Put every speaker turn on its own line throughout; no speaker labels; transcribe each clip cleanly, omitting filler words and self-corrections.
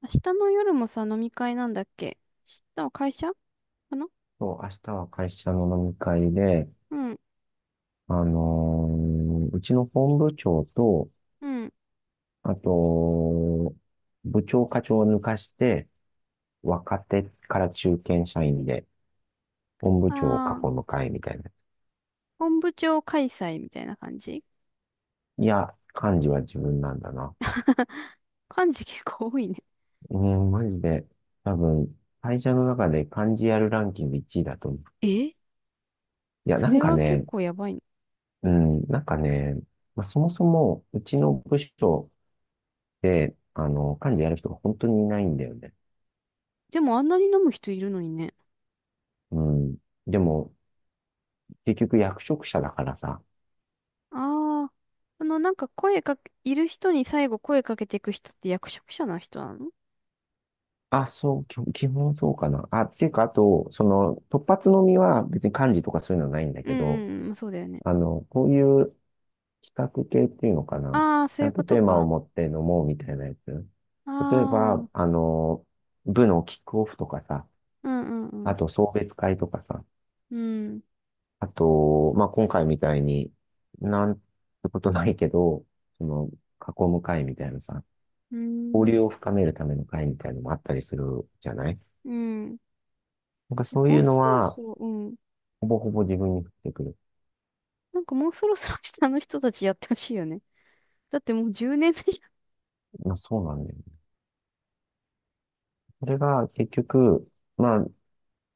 明日の夜もさ、飲み会なんだっけ。明日は会社かな。
そう、明日は会社の飲み会で、
うん、
あのーうちの本部長と、
うん。
あと、部長課長を抜かして、若手から中堅社員で、本部長を
ああ、
囲む会みたいなや
本部長開催みたいな感じ。
つ。いや、幹事は自分なんだな。
感じ結構多いね。
うん、マジで、多分、会社の中で幹事やるランキング1位だと思う。
え、
いや、
そ
なん
れ
か
は結
ね、
構やばいね。
うん、なんかね、まあ、そもそも、うちの部署で、幹事やる人が本当にいないんだよね。
でもあんなに飲む人いるのにね。
うん。でも、結局役職者だからさ。
ああ、あの、なんか声かけ、いる人に最後声かけていく人って役職者な人なの？
あ、そう、基本そうかな。あ、っていうか、あと、その、突発のみは別に漢字とかそういうのはないんだ
うん
けど、
うんうん、そうだよね。
あの、こういう企画系っていうのかな。
ああ、
ち
そう
ゃ
いう
ん
こ
と
と
テーマを
か。
持って飲もうみたいなやつ。
あ
例え
あ、う
ば、
ん。
部のキックオフとかさ、
うんう
あ
ん。
と送別会とかさ、
うん、
あと、まあ、今回みたいに、なんてことないけど、その、囲む会みたいなさ、
う
交
ん、
流を深めるための会みたいなのもあったりするじゃない。
うん。
なんか
で
そ
も
う
も
い
う
うの
そろそ
は、
ろ、うん。
ほぼほぼ自分に降ってくる。
なんかもうそろそろ下の人たちやってほしいよね。だってもう10年目じ
まあそうなんだよね。それが結局、まあ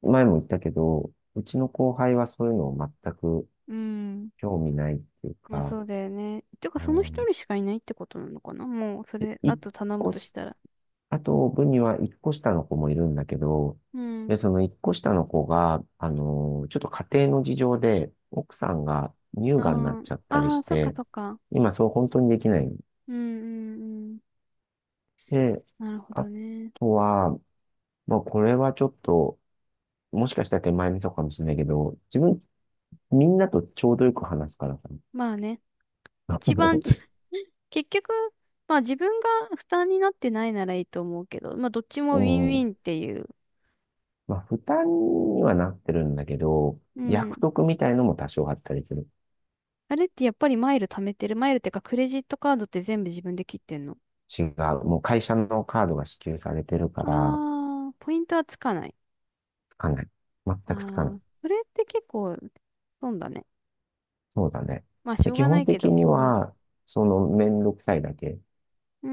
前も言ったけど、うちの後輩はそういうのを全く
ゃん。うん。
興味ないっていう
まあ
か、
そうだよね。てか
う
その一
ん、
人しかいないってことなのかな、もうそ
で
れ、あ
一
と頼む
個
とし
し、
たら。
あと部には一個下の子もいるんだけど、
う
で、
ん。
その一個下の子が、ちょっと家庭の事情で、奥さんが乳
あ
がんになっ
ー
ちゃったり
あ
し
ー、そっか
て、
そっか。
今そう本当にできないん
うんうんうん。
で、
なるほ
あ
どね。
とは、まあ、これはちょっと、もしかしたら手前味噌かもしれないけど、自分、みんなとちょうどよく話すからさ。
まあね。一番ち、結局、まあ自分が負担になってないならいいと思うけど、まあどっちも
う
ウィンウ
ん。
ィンっていう。
まあ、負担にはなってるんだけど、
うん。
役得みたいのも多少あったりする。
あれってやっぱりマイル貯めてる。マイルってかクレジットカードって全部自分で切ってんの？
違う。もう会社のカードが支給されてるから、
ああ、ポイントはつかない。
つかない。全
あ
くつかない。
あ、それって結構、損だね。
そうだね。
まあ、し
で
ょう
基
がな
本
いけ
的
ど。
に
うん。
は、その、めんどくさいだけ。
うー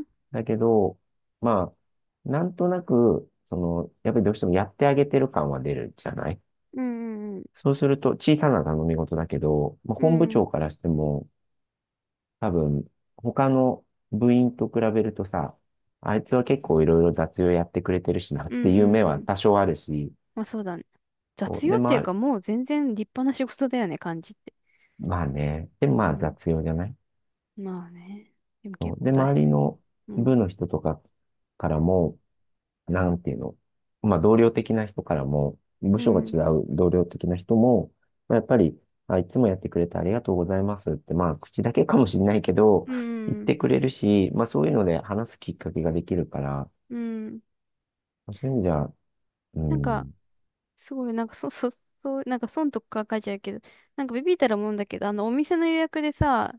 ん。
だけど、まあ、なんとなく、その、やっぱりどうしてもやってあげてる感は出るじゃない。
うんうんうん。
そうすると、小さな頼み事だけど、まあ、
う
本部
ん。
長からしても、多分、他の部員と比べるとさ、あいつは結構いろいろ雑用やってくれてるしなっ
うん
て
う
いう
ん
目
う
は
ん。
多少あるし、
まあ、そうだね。
そ
雑
う
用
で、
ってい
ま
う
あ、
か、もう全然立派な仕事だよね、感じって。
まあね、で、
う
まあ
ん。
雑用じゃない。
まあね。でも
そ
結
う
構
で、
大変
周り
だけ
の
ど。うん。
部の人とかからも、なんていうの、まあ、同僚的な人からも、
う
部署が
ん。
違う同僚的な人も、まあ、やっぱり、あ、いつもやってくれてありがとうございますって、まあ、口だけかもしれないけど、
う
言っ
ん。
てくれるし、まあ、そういうので話すきっかけができるから、
うん。
まあそういう意味じゃ、う
なんか、
ん、
すごい、なんか、そ、そ、そう、なんか損とか書いちゃうけど、なんかビビったらもんだけど、あの、お店の予約でさ、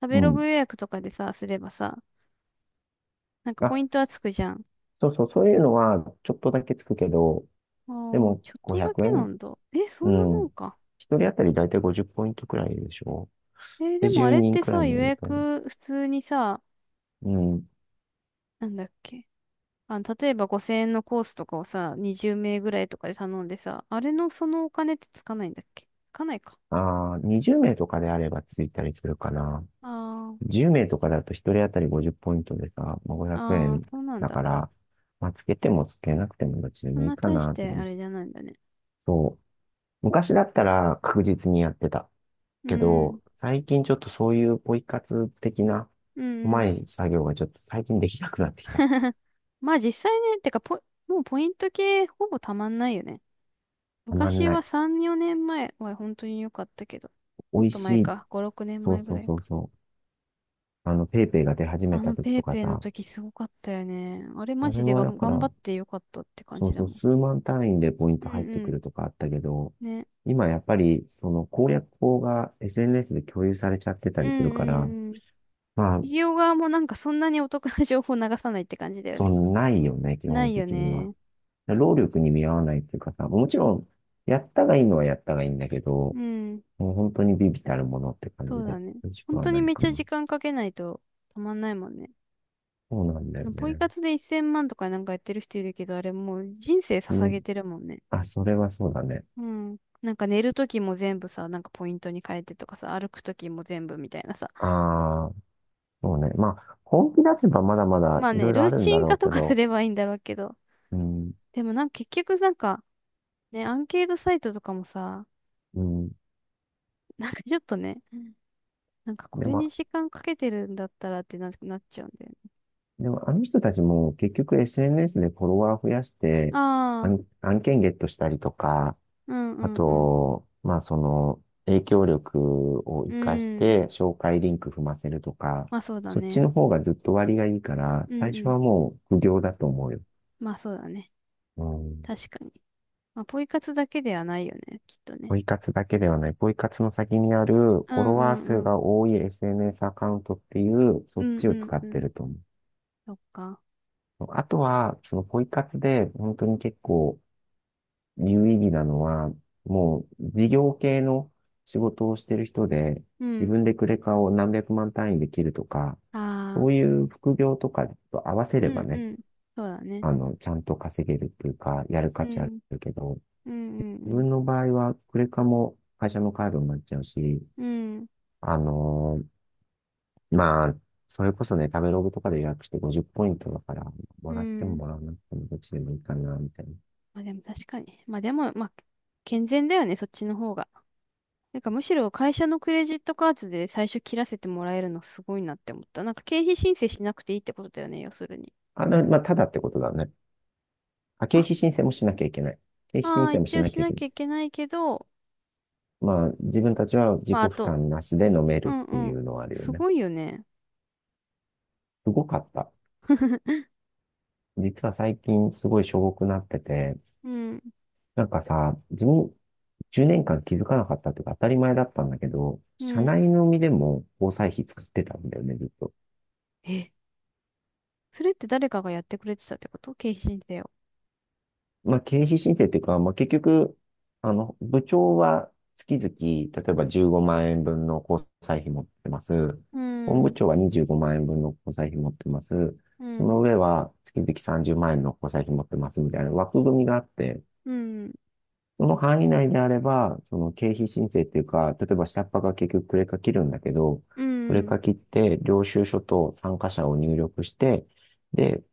食
う
べロ
ん。
グ予約とかでさ、すればさ、なんかポ
あ、
イントはつくじゃん。
そうそう、そういうのはちょっとだけつくけど、
あ
で
あ、
も
ちょっと
500
だけな
円、
んだ。え、そ
う
んな
ん。
もんか。
一人当たりだいたい50ポイントくらいでしょ。
えー、で
で、
もあ
10
れっ
人
て
くらい
さ、予
のみたいな。
約普通にさ、
うん。
なんだっけ。あの、例えば5000円のコースとかをさ、20名ぐらいとかで頼んでさ、あれのそのお金ってつかないんだっけ、つかないか。
ああ、20名とかであればついたりするかな。
あ
10名とかだと1人当たり50ポイントでさ、まあ、
あ、
500
ああ、
円
そうなん
だか
だ。
ら、まあ、つけてもつけなくてもどっちで
そん
もいい
な
か
大し
なって
てあ
感
れ
じ。
じゃないんだね。
そう。昔だったら確実にやってた。
う
け
ん、
ど、最近ちょっとそういうポイ活的な、
うん、
う
う
ま
ん。
い作業がちょっと最近できなくなってきた。
まあ実際ね、てかポイ、もうポイント系ほぼたまんないよね。
たまん
昔
な
は
い。
3、4年前は本当に良かったけど、
美
もっ
味
と
し
前
い。
か、5、6年
そ
前
う
ぐ
そ
ら
う
い
そう
か。
そう。ペイペイが出始
あ
めた
の
時
ペ
と
イ
か
ペイの
さ、
時すごかったよね。あれマ
あれ
ジで
は
が
だ
ん
か
頑
ら、
張って良かったって感
そ
じ
う
だ
そう、
もん。
数万単位でポイン
うん
ト入って
う
く
ん。
るとかあったけど、
ね。
今やっぱりその攻略法が SNS で共有されちゃってた
うん
りするから、
うんうん。
まあ、
企業側もなんかそんなにお得な情報流さないって感じだよ
そ
ね。
んないよね、基
な
本
いよ
的には。
ね。
労力に見合わないっていうかさ、もちろん、やったがいいのはやったがいいんだけど、
うん。
もう本当にビビたるものって感
そ
じ
うだ
で、
ね。
美味しく
本
は
当に
ない
めっ
か
ちゃ
な。
時間かけないとたまんないもんね。
そうなんだよ
ポイ
ね。
活で1000万とかなんかやってる人いるけど、あれもう人生
う
捧げ
ん。
てるもんね。
あ、それはそうだね。
うん。なんか寝るときも全部さ、なんかポイントに変えてとかさ、歩くときも全部みたいなさ。
ああ、そうね。まあ、本気出せばまだまだ
まあ
い
ね、
ろい
ル
ろあ
ー
るん
チ
だ
ン
ろ
化
う
と
け
かす
ど、
ればいいんだろうけど。
うん、
でもなんか結局なんか、ね、アンケートサイトとかもさ、
うん。
なんかちょっとね、うん、なんかこ
で
れに
も、
時間かけてるんだったらってな、なっちゃうんだよね。
でも、あの人たちも結局 SNS でフォロワー増やして、
ああ、
案件ゲットしたりとか、
う
あ
んうん
と、まあその影響力を
う
活かし
ん。うん。
て紹介リンク踏ませるとか、
まあそうだ
そっち
ね。
の方がずっと割がいいから、
うん
最
う
初
ん。
はもう苦行だと思うよ。
まあそうだね。
うん。
確かに。まあポイ活だけではないよね、きっとね。
ポイ活だけではない、ポイ活の先にあるフ
う
ォ
ん
ロ
う
ワー数
んうん。
が多い SNS アカウントっていう、そ
う
っ
ん
ち
う
を
ん
使っ
う
て
ん。
ると思う。
そっか。
あとは、そのポイ活で本当に結構、有意義なのは、もう事業系の仕事をしてる人で、
う
自
ん。
分でクレカを何百万単位で切るとか、
あ
そう
あ。
いう副業とかと合わせれ
う
ば
んう
ね、
ん。そうだね。
あの、ちゃんと稼げるっていうか、やる
う
価値あ
ん。
るけど、
うんう
自
ん
分の場合はクレカも会社のカードになっちゃうし、
うん。うん。
あのまあ、それこそね、食べログとかで予約して50ポイントだから、
う
もらっても
ん。
もらわなくてもどっちでもいいかな、みたいな。
まあでも確かに。まあでも、まあ、健全だよね、そっちの方が。なんかむしろ会社のクレジットカードで最初切らせてもらえるのすごいなって思った。なんか経費申請しなくていいってことだよね、要するに。
あの、まあ、ただってことだね。あ、経
あ、
費申請もしなきゃいけない。経費
あ
申
あ、
請も
一
し
応
な
し
きゃい
な
けな
き
い。
ゃいけないけど、
まあ、自分たちは自
ま
己
ああ
負
と、
担なしで飲め
う
る
ん
っ
う
てい
ん。
うのはあるよ
す
ね。
ごいよね。
すごかった。実は最近すごいしょぼくなってて、
うん、
なんかさ、自分10年間気づかなかったっていうか当たり前だったんだけど、
う
社
ん。
内飲みでも交際費作ってたんだよね、ずっと。
え、それって誰かがやってくれてたってこと、経費申請を。
まあ、経費申請っていうか、まあ、結局、あの、部長は月々、例えば15万円分の交際費持ってます。
うん、
本
う
部
ん、
長は25万円分の交際費持ってます。
う
そ
ん、
の上は月々30万円の交際費持ってますみたいな枠組みがあって、
うん、
その範囲内であれば、その経費申請っていうか、例えば下っ端が結局クレカ切るんだけど、
う
クレ
ん、
カ切って領収書と参加者を入力して、で、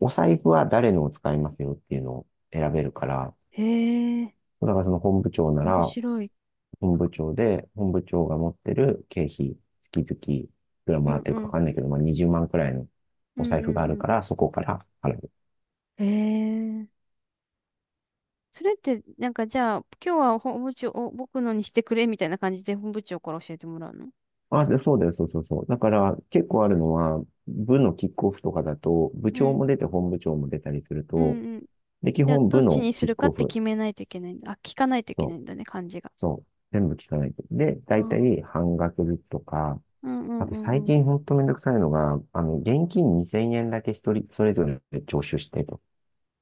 お財布は誰のを使いますよっていうのを選べるから、
へえ、
だからその本部長な
面
ら、
白い。
本部長が持ってる経費、月々、いくらも
う
らっ
ん
てる
う
かわ
ん。
かんないけど、まあ20万くらいの
う
お財布
んう
がある
ん
から、そこから払う。
うん。へえ。それって、なんかじゃあ、今日は本部長を僕のにしてくれみたいな感じで本部長から教えてもらうの？
あ、で、そうだよ、そうそうそう。だから結構あるのは、部のキックオフとかだと、部
う
長
ん。
も出て本部長も出たりする
うん
と、
うん。
で、基
じゃあ、
本
どっ
部
ち
の
にす
キッ
るか
ク
っ
オ
て
フ
決めないといけないんだ。あ、聞かないといけない
と、
んだね、感じが。
そう、全部聞かないと。で、
あ
大
ー、
体半額ずつとか、
うんう
あ
ん
と
う
最
んうん。
近ほんとめんどくさいのが、あの、現金2000円だけ一人、それぞれ徴収してと。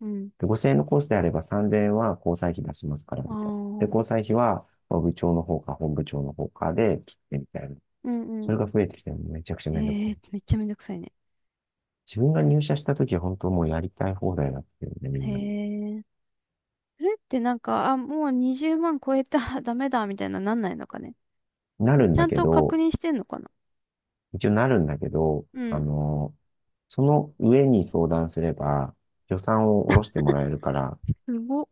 うん。
で、5000円のコースであれば3000円は交際費出しますから、
あ
み
あ。
たいな。で、
うん
交際費は、部長の方か本部長の方かで切ってみたいな。
うん
それが
うん。
増えてきてもめちゃくちゃめんどく
へ
さ
え、
い。
めっちゃめんどくさいね。
自分が入社した時は本当もうやりたい放題だったよね、み
へ
んな。
え。それってなんか、あ、もう20万超えた、ダメだ、みたいななんないのかね。
なるん
ち
だ
ゃん
け
と確
ど、
認してんのかな。
一応なるんだけど、
う
あ
ん、
のその上に相談すれば予算を下ろしてもらえるから、
すごっ。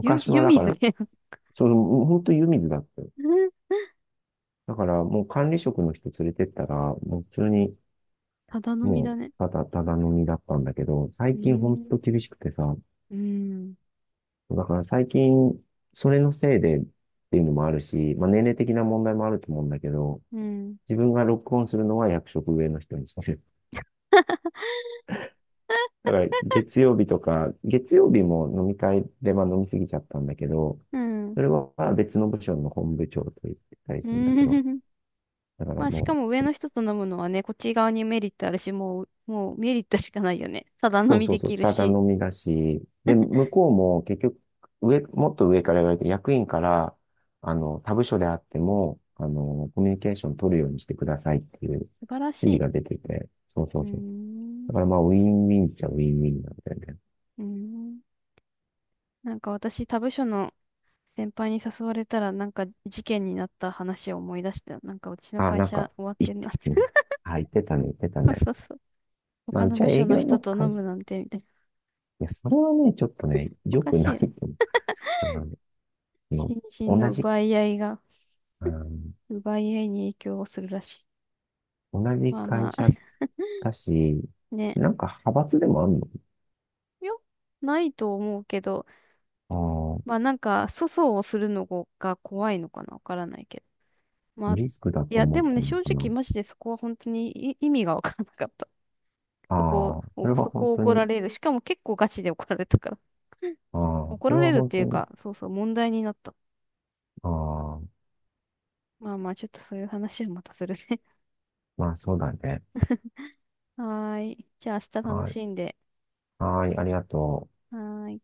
湯
は
湯
だか
水
ら、
ね。
その、本当湯水だったよ。だからもう管理職の人連れてったら、もう普通に
ただ飲み
も
だ
う、
ね。
ただただ飲みだったんだけど、
う
最近ほん
ー
と
ん。
厳しくてさ、
うん。
だから最近、それのせいでっていうのもあるし、まあ年齢的な問題もあると思うんだけど、
うん。
自分がロックオンするのは役職上の人にしてる。だから月曜日とか、月曜日も飲み会でまあ飲みすぎちゃったんだけど、
うん。
それは別の部署の本部長と言ってたり
う
するんだ
ん。
けど、だから
まあ、し
も
かも
う
上の人と飲むのはね、こっち側にメリットあるし、もう、もうメリットしかないよね。ただ
そ
飲
う
み
そう
で
そう、
きる
ただ
し。
飲みだし、で、向こうも結局、もっと上から言われて、役員から、あの、他部署であっても、あの、コミュニケーション取るようにしてくださいっていう指
素晴らし
示
いね。
が出てて、そう
う
そ
ー
うそう。
ん。
だからまあ、ウィンウィンっちゃウィンウィンなんだよね。
うーん。なんか私、他部署の先輩に誘われたら、なんか事件になった話を思い出して、なんかうちの
あ、
会
なん
社
か、
終わっ
言っ
てん
て
なって。
たね。あ、言ってたね、言ってた
そう
ね。
そうそう。
ま
他
あ、う
の
ちは
部署
営
の
業
人
の
と飲
会社、
む
い
なんて、みたいな。
や、それはね、ちょっとね、
お
良
か
く
しい
な
よ
い
ね。
と思ったな。今
心身
同
の
じ、
奪い合いが、
うん、
奪い合いに影響をするらしい。
同じ
まあま
会
あ、
社 だし、
ね。
なんか派閥でもあるの？
よ、ないと思うけど、
あ
ま
あ、
あなんか、粗相をするのが怖いのかな、わからないけど。まあ、
リスクだ
い
と
や、
思
で
っ
も
た
ね、
の
正
かな。
直マジでそこは本当にい意味がわからなかった。そこ
ああ、
を、
それは
そ
本
こを
当
怒ら
に、
れる。しかも結構ガチで怒られたから。
ああ、
怒
それ
られ
は
るっ
本
てい
当
う
に、
か、そうそう、問題になった。
ああ、
まあまあ、ちょっとそういう話はまたするね。
まあそうだね。
はーい。じゃあ明日楽
はい、
しんで。
はい、ありがとう。
はーい。